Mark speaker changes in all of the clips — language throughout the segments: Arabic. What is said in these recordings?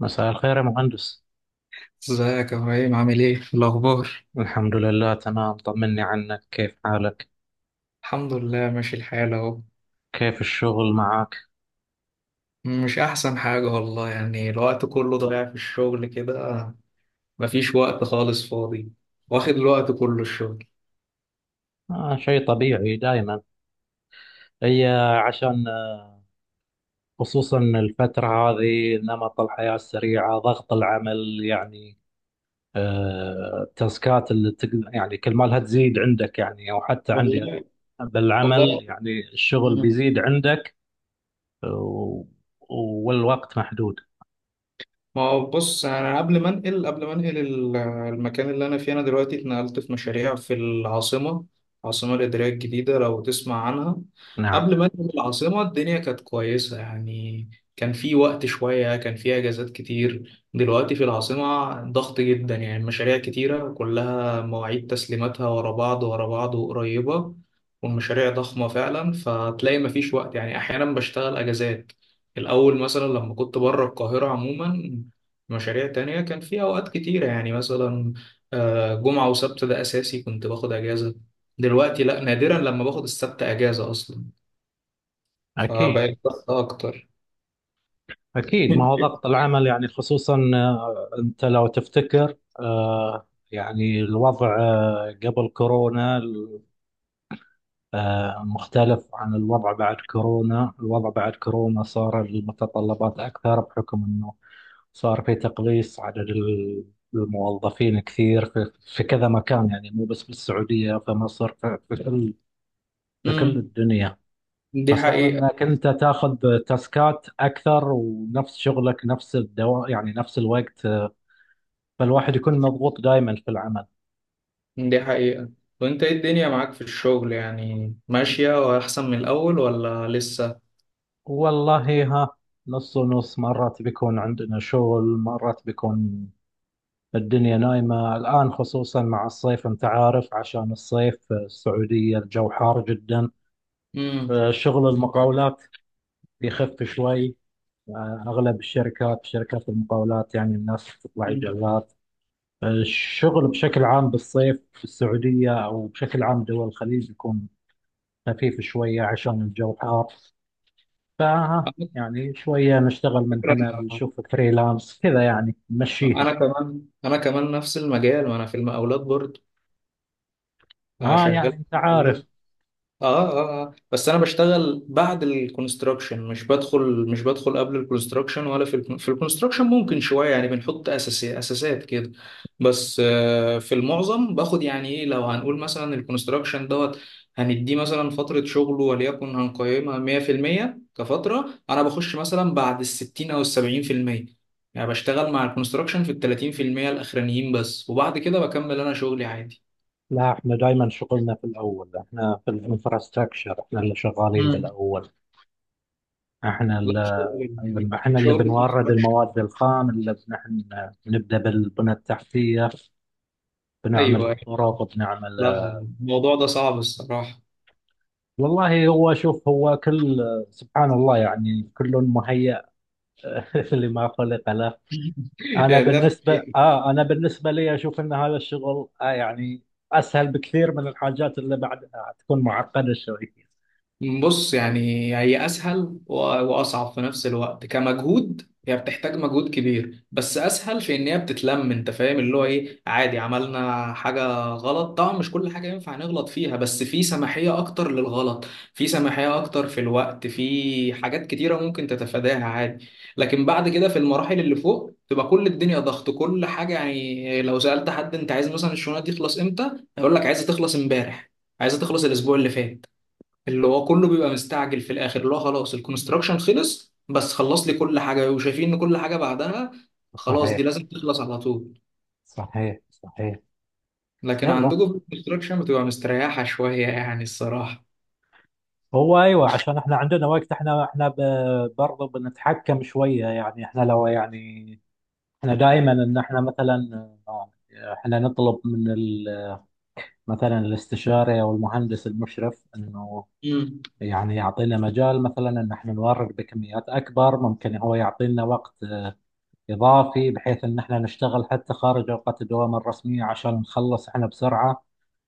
Speaker 1: مساء الخير يا مهندس.
Speaker 2: ازيك يا ابراهيم، عامل ايه الاخبار؟
Speaker 1: الحمد لله، تمام. طمني عنك، كيف حالك؟
Speaker 2: الحمد لله ماشي الحال اهو.
Speaker 1: كيف الشغل معك؟
Speaker 2: مش احسن حاجه والله، يعني الوقت كله ضايع في الشغل كده. مفيش وقت خالص فاضي. واخد الوقت كله الشغل.
Speaker 1: آه، شيء طبيعي دائما. هي عشان آه، خصوصا الفترة هذه، نمط الحياة السريعة، ضغط العمل يعني. التاسكات اللي يعني كل ما لها تزيد عندك، يعني أو حتى عندي
Speaker 2: والله.
Speaker 1: بالعمل.
Speaker 2: والله.
Speaker 1: يعني الشغل بيزيد عندك و... والوقت محدود.
Speaker 2: ما هو بص، انا قبل ما انقل المكان اللي انا فيه، انا دلوقتي اتنقلت في مشاريع في العاصمه العاصمه الاداريه الجديده، لو تسمع عنها.
Speaker 1: نعم.
Speaker 2: قبل ما انقل العاصمه، الدنيا كانت كويسه يعني. كان في وقت شويه، كان في اجازات كتير. دلوقتي في العاصمه ضغط جدا، يعني مشاريع كتيره كلها مواعيد تسليماتها ورا بعض ورا بعض وقريبه. والمشاريع ضخمه فعلا، فتلاقي مفيش وقت يعني، احيانا بشتغل اجازات. الأول مثلا لما كنت بره القاهرة عموما، مشاريع تانية كان في أوقات كتيرة يعني، مثلا جمعة وسبت ده أساسي كنت باخد أجازة. دلوقتي لأ، نادرا لما باخد السبت أجازة أصلا.
Speaker 1: أكيد،
Speaker 2: فبقيت ضغط أكتر.
Speaker 1: أكيد. ما هو ضغط العمل، يعني خصوصا أنت لو تفتكر، يعني الوضع قبل كورونا مختلف عن الوضع بعد كورونا. الوضع بعد كورونا صار المتطلبات أكثر، بحكم أنه صار في تقليص عدد الموظفين كثير في كذا مكان، يعني مو بس بالسعودية، في مصر، في كل، في كل
Speaker 2: امم
Speaker 1: الدنيا.
Speaker 2: دي
Speaker 1: فصار
Speaker 2: حقيقة
Speaker 1: انك انت تاخذ تاسكات اكثر ونفس شغلك، نفس الدوام يعني، نفس الوقت. فالواحد يكون مضغوط دائما في العمل.
Speaker 2: دي حقيقة. وأنت إيه الدنيا معاك في الشغل يعني، ماشية وأحسن من الأول ولا لسه؟
Speaker 1: والله ها، نص ونص. مرات بيكون عندنا شغل، مرات بيكون الدنيا نايمة. الآن خصوصا مع الصيف، أنت عارف، عشان الصيف في السعودية الجو حار جدا.
Speaker 2: امم
Speaker 1: فشغل المقاولات يخف شوي. أغلب الشركات، شركات المقاولات يعني، الناس تطلع إجازات. الشغل بشكل عام بالصيف في السعودية، أو بشكل عام دول الخليج، يكون خفيف شوية عشان الجو حار. ف
Speaker 2: على
Speaker 1: يعني شوية نشتغل من
Speaker 2: فكرة،
Speaker 1: هنا،
Speaker 2: أنا
Speaker 1: بنشوف فريلانس كذا يعني، نمشيها.
Speaker 2: أنا كمان نفس المجال، وأنا في المقاولات برضه
Speaker 1: آه،
Speaker 2: شغال
Speaker 1: يعني
Speaker 2: في
Speaker 1: أنت عارف.
Speaker 2: المقاولات. اه بس انا بشتغل بعد الكونستراكشن، مش بدخل قبل الكونستراكشن، ولا في الكونستراكشن ممكن شويه يعني بنحط اساسات كده. بس في المعظم باخد، يعني ايه، لو هنقول مثلا الكونستراكشن دوت هنديه مثلا فتره شغله وليكن هنقيمها 100% كفتره، انا بخش مثلا بعد ال 60 او ال 70%، يعني بشتغل مع الكونستراكشن في ال 30% الاخرانيين بس، وبعد كده بكمل انا شغلي عادي.
Speaker 1: لا، احنا دائما شغلنا في الأول، احنا في الانفراستراكشر، احنا اللي شغالين
Speaker 2: مم.
Speaker 1: بالأول. احنا
Speaker 2: لا.
Speaker 1: اللي، أيوة، احنا اللي
Speaker 2: شغل.
Speaker 1: بنورد
Speaker 2: شغل.
Speaker 1: المواد الخام، اللي نحن نبدأ بالبنى التحتية، بنعمل
Speaker 2: ايوه، أيوه.
Speaker 1: الطرق، بنعمل.
Speaker 2: لا، الموضوع ده صعب الصراحه.
Speaker 1: والله هو، شوف هو كل، سبحان الله، يعني كل مهيأ لما خلق له.
Speaker 2: يعني ده،
Speaker 1: أنا بالنسبة لي أشوف أن هذا الشغل، آه يعني، أسهل بكثير من الحاجات اللي بعدها تكون معقدة شوية.
Speaker 2: بص يعني، هي أسهل وأصعب في نفس الوقت كمجهود، هي بتحتاج مجهود كبير بس أسهل في إن هي بتتلم، أنت فاهم اللي هو إيه، عادي عملنا حاجة غلط، طبعا مش كل حاجة ينفع نغلط فيها، بس في سماحية أكتر للغلط. في سماحية أكتر في الوقت، في حاجات كتيرة ممكن تتفاداها عادي. لكن بعد كده في المراحل اللي فوق تبقى كل الدنيا ضغط، كل حاجة، يعني لو سألت حد أنت عايز مثلا الشغلانة دي تخلص إمتى، هيقول لك عايزة تخلص إمبارح، عايزة تخلص الأسبوع اللي فات، اللي هو كله بيبقى مستعجل في الاخر، اللي هو خلاص الكونستراكشن خلص، بس خلص لي كل حاجه، وشايفين ان كل حاجه بعدها خلاص
Speaker 1: صحيح،
Speaker 2: دي لازم تخلص على طول.
Speaker 1: صحيح، صحيح.
Speaker 2: لكن
Speaker 1: يلا،
Speaker 2: عندكم في الكونستراكشن بتبقى مستريحه شويه يعني الصراحه.
Speaker 1: هو ايوه، عشان احنا عندنا وقت. احنا برضه بنتحكم شويه يعني. احنا لو، يعني احنا دائما ان احنا مثلا، احنا نطلب من مثلا الاستشاري او المهندس المشرف انه
Speaker 2: امم،
Speaker 1: يعني يعطينا مجال، مثلا ان احنا نورد بكميات اكبر، ممكن هو يعطينا وقت اضافي، بحيث ان احنا نشتغل حتى خارج اوقات الدوام الرسميه عشان نخلص احنا بسرعه.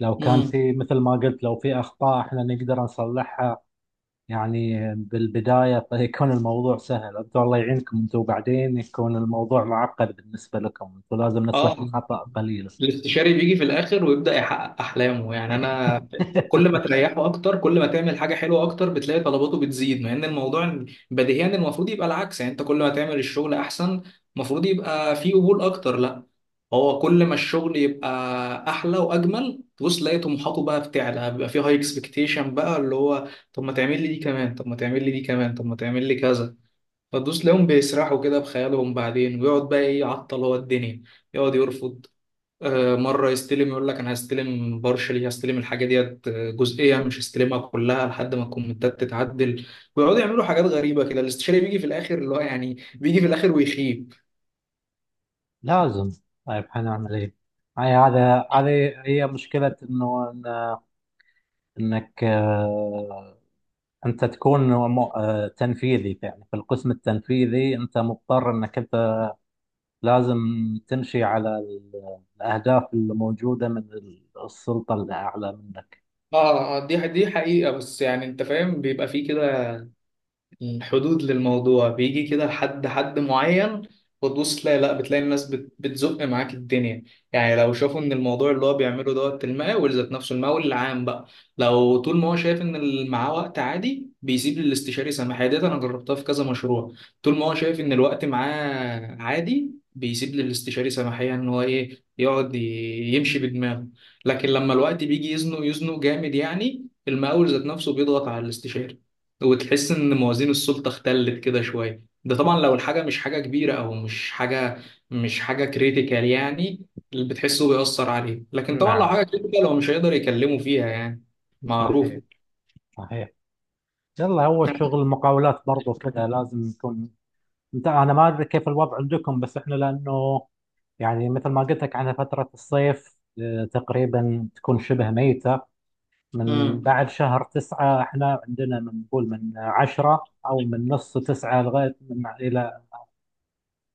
Speaker 1: لو كان
Speaker 2: امم،
Speaker 1: في، مثل ما قلت، لو في اخطاء احنا نقدر نصلحها. يعني بالبدايه فيكون الموضوع سهل. انتم الله يعينكم، انتم بعدين يكون الموضوع معقد بالنسبه لكم، انتم لازم نسبه
Speaker 2: اه.
Speaker 1: الخطا قليله.
Speaker 2: الاستشاري بيجي في الاخر ويبدا يحقق احلامه، يعني انا كل ما تريحه اكتر، كل ما تعمل حاجه حلوه اكتر بتلاقي طلباته بتزيد، مع ان الموضوع بديهيا المفروض يبقى العكس، يعني انت كل ما تعمل الشغل احسن المفروض يبقى فيه قبول اكتر، لا، هو كل ما الشغل يبقى احلى واجمل تبص تلاقي طموحاته بقى بتعلى، بيبقى فيه هاي اكسبكتيشن بقى، اللي هو طب ما تعمل لي دي كمان، طب ما تعمل لي دي كمان، طب ما تعمل لي كذا، فتدوس تلاقيهم بيسرحوا كده بخيالهم بعدين، ويقعد بقى ايه يعطل هو الدنيا، يقعد يرفض. مرة يستلم يقول لك أنا هستلم بارشلي، هستلم الحاجة ديت جزئية، مش هستلمها كلها لحد ما الكومنتات تتعدل، ويقعدوا يعملوا حاجات غريبة كده. الاستشاري بيجي في الآخر، اللي هو يعني بيجي في الآخر ويخيب.
Speaker 1: لازم. طيب، حنعمل ايه؟ هاي هذا هذه هي مشكلة انه، انك انت تكون تنفيذي. يعني في القسم التنفيذي انت مضطر انك انت لازم تمشي على الاهداف اللي موجودة من السلطة الاعلى منك.
Speaker 2: اه، دي حقيقة، بس يعني أنت فاهم بيبقى فيه كده حدود للموضوع، بيجي كده لحد حد معين. وتبص تلاقي لا بتلاقي الناس بتزق معاك الدنيا. يعني لو شافوا ان الموضوع اللي هو بيعمله دوت المقاول ذات نفسه المقاول العام بقى، لو طول ما هو شايف ان اللي معاه وقت عادي بيسيب للاستشاري سماحية ديت، انا جربتها في كذا مشروع، طول ما هو شايف ان الوقت معاه عادي بيسيب للاستشاري سماحية ان هو ايه يقعد يمشي بدماغه. لكن لما الوقت بيجي يزنق، يزنق جامد، يعني المقاول ذات نفسه بيضغط على الاستشاري، وتحس ان موازين السلطه اختلت كده شويه، ده طبعا لو الحاجه مش حاجه كبيره او مش حاجه كريتيكال يعني. اللي بتحسه بيأثر عليه، لكن طبعا لو
Speaker 1: نعم.
Speaker 2: حاجه كريتيكال هو مش هيقدر يكلمه فيها يعني. معروف.
Speaker 1: صحيح، صحيح. يلا، هو شغل المقاولات برضه كذا لازم يكون. انا ما ادري كيف الوضع عندكم، بس احنا لانه، يعني مثل ما قلت لك عنها، فترة الصيف تقريبا تكون شبه ميتة. من
Speaker 2: امم
Speaker 1: بعد شهر 9، احنا عندنا من نقول من عشرة أو من نص 9 لغاية من إلى،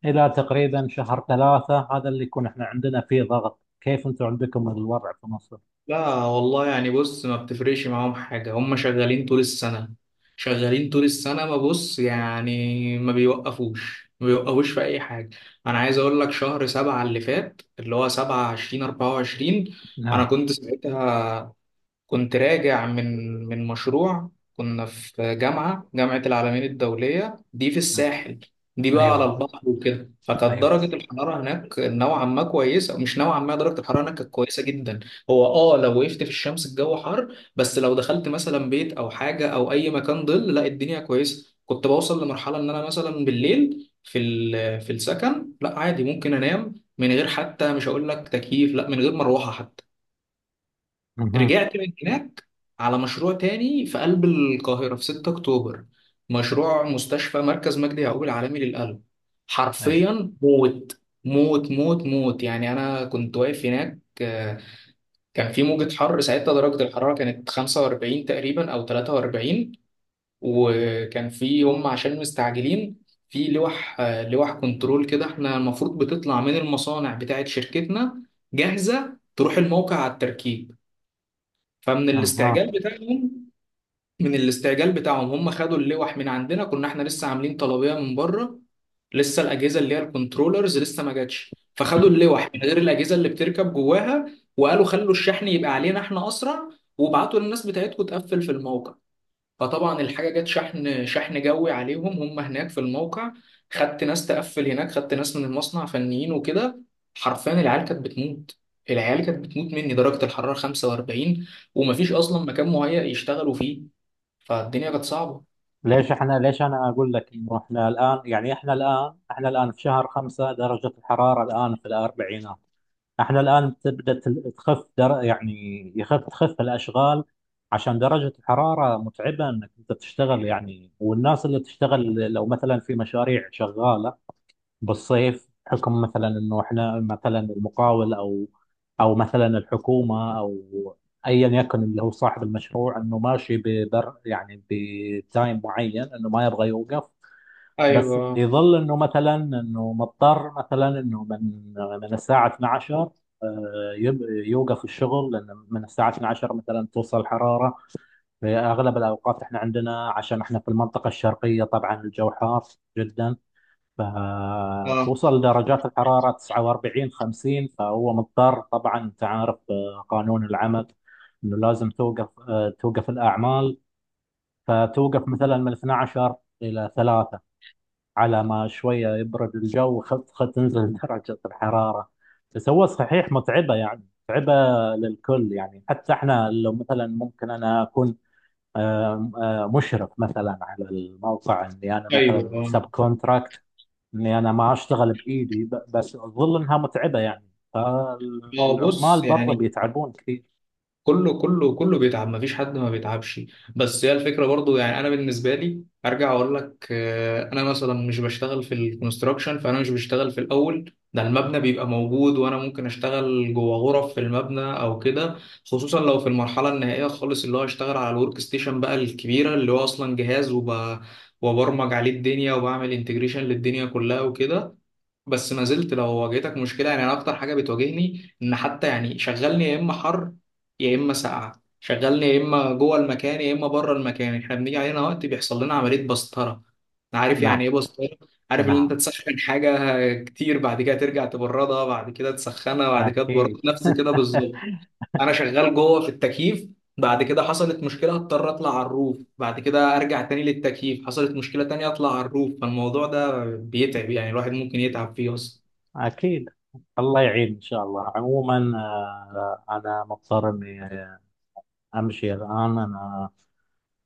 Speaker 1: إلى تقريبا شهر 3، هذا اللي يكون احنا عندنا فيه ضغط. كيف أنتم عندكم الوضع في مصر؟
Speaker 2: لا والله، يعني بص ما بتفرقش معاهم حاجه، هم شغالين طول السنه، شغالين طول السنه، ما بص يعني ما بيوقفوش في اي حاجه. انا عايز اقول لك شهر سبعة اللي فات اللي هو سبعة عشرين 24. انا
Speaker 1: نعم.
Speaker 2: كنت ساعتها كنت راجع من مشروع، كنا في جامعة العالمين الدولية دي في
Speaker 1: نعم.
Speaker 2: الساحل. دي بقى على
Speaker 1: أيوه،
Speaker 2: البحر وكده، فكانت
Speaker 1: أيوه.
Speaker 2: درجة الحرارة هناك نوعا ما كويسة، مش نوعا ما، درجة الحرارة هناك كانت كويسة جدا. هو لو وقفت في الشمس الجو حر، بس لو دخلت مثلا بيت أو حاجة أو أي مكان ظل لا الدنيا كويسة، كنت بوصل لمرحلة إن أنا مثلا بالليل في في السكن لا عادي ممكن أنام من غير حتى مش هقول لك تكييف، لا من غير مروحة حتى.
Speaker 1: مهم.
Speaker 2: رجعت من هناك على مشروع تاني في قلب القاهرة في 6 أكتوبر، مشروع مستشفى مركز مجدي يعقوب العالمي للقلب.
Speaker 1: أيوه.
Speaker 2: حرفيا موت. موت موت موت يعني. أنا كنت واقف هناك، كان في موجة حر ساعتها درجة الحرارة كانت 45 تقريبا أو 43. وكان في هم عشان مستعجلين في لوح، لوح كنترول كده، احنا المفروض بتطلع من المصانع بتاعت شركتنا جاهزة تروح الموقع على التركيب. فمن
Speaker 1: أها.
Speaker 2: الاستعجال بتاعهم، هم خدوا اللوح من عندنا، كنا احنا لسه عاملين طلبية من بره، لسه الأجهزة اللي هي الكنترولرز لسه ما جاتش، فخدوا اللوح من غير الأجهزة اللي بتركب جواها. وقالوا خلوا الشحن يبقى علينا احنا أسرع، وابعتوا للناس بتاعتكم تقفل في الموقع. فطبعا الحاجة جت شحن، شحن جوي عليهم هم هناك في الموقع، خدت ناس تقفل هناك، خدت ناس من المصنع فنيين وكده. حرفيا العيال كانت بتموت، مني درجة الحرارة 45. ومفيش أصلا مكان مهيأ يشتغلوا فيه، فالدنيا كانت صعبة.
Speaker 1: ليش أنا أقول لك إنه، احنا الآن يعني، احنا الآن في شهر 5 درجة الحرارة الآن في الأربعينات. احنا الآن تبدأ تخف، يعني تخف الأشغال، عشان درجة الحرارة متعبة إنك أنت تشتغل يعني. والناس اللي تشتغل، لو مثلا في مشاريع شغالة بالصيف، حكم مثلا إنه احنا مثلا المقاول، أو أو مثلا الحكومة، أو أيا يكن اللي هو صاحب المشروع، إنه ماشي ببر يعني بتايم معين، إنه ما يبغى يوقف. بس
Speaker 2: ايوه،
Speaker 1: يظل انه مثلا انه مضطر مثلا انه من الساعه 12 يوقف الشغل، لان من الساعه 12 مثلا توصل الحراره. في اغلب الاوقات احنا عندنا، عشان احنا في المنطقه الشرقيه، طبعا الجو حار جدا،
Speaker 2: اه،
Speaker 1: فتوصل درجات الحراره 49، 50. فهو مضطر، طبعا انت عارف، قانون العمل انه لازم توقف، توقف الاعمال. فتوقف مثلا من 12 الى 3، على ما شوية يبرد الجو، خفخة تنزل درجة الحرارة. بس هو صحيح متعبة، يعني متعبة للكل. يعني حتى احنا، لو مثلا ممكن انا اكون مشرف مثلا على الموقع، اني انا
Speaker 2: ايوه،
Speaker 1: مثلا سب
Speaker 2: اه.
Speaker 1: كونتراكت، اني انا ما اشتغل بايدي، بس اظل انها متعبة يعني. فالعمال
Speaker 2: بص
Speaker 1: برضه
Speaker 2: يعني،
Speaker 1: بيتعبون كثير.
Speaker 2: كله كله كله بيتعب، مفيش حد ما بيتعبش. بس هي الفكره برضو يعني، انا بالنسبه لي ارجع اقول لك، انا مثلا مش بشتغل في الكونستراكشن، فانا مش بشتغل في الاول ده، المبنى بيبقى موجود وانا ممكن اشتغل جوه غرف في المبنى او كده. خصوصا لو في المرحله النهائيه خالص، اللي هو اشتغل على الورك ستيشن بقى الكبيره اللي هو اصلا جهاز، وبرمج عليه الدنيا وبعمل انتجريشن للدنيا كلها وكده. بس ما زلت لو واجهتك مشكله، يعني انا اكتر حاجه بتواجهني ان حتى يعني شغلني يا اما حر يا اما ساقعه، شغلني يا اما جوه المكان يا اما بره المكان، احنا بنيجي علينا وقت بيحصل لنا عمليه بسطره. عارف
Speaker 1: نعم.
Speaker 2: يعني ايه بسطره؟ عارف ان
Speaker 1: نعم،
Speaker 2: انت تسخن حاجه كتير بعد كده ترجع تبردها بعد كده تسخنها بعد كده تبردها،
Speaker 1: اكيد.
Speaker 2: نفس كده بالظبط. انا شغال جوه في التكييف، بعد كده حصلت مشكله اضطر اطلع على الروف، بعد كده ارجع تاني للتكييف، حصلت مشكله تانية اطلع على الروف، فالموضوع ده بيتعب يعني، الواحد ممكن يتعب فيه اصلا.
Speaker 1: أكيد. الله يعين إن شاء الله. عموما أنا مضطر إني أمشي الآن. أنا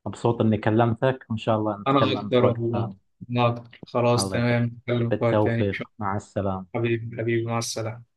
Speaker 1: مبسوط إني كلمتك، وإن شاء الله
Speaker 2: انا
Speaker 1: نتكلم في
Speaker 2: اكتر
Speaker 1: وقت ثاني.
Speaker 2: والله، انا اكتر خلاص
Speaker 1: الله يخليك.
Speaker 2: تمام نتكلم في وقت تاني.
Speaker 1: بالتوفيق، مع السلامة.
Speaker 2: حبيبي حبيبي، مع السلامه.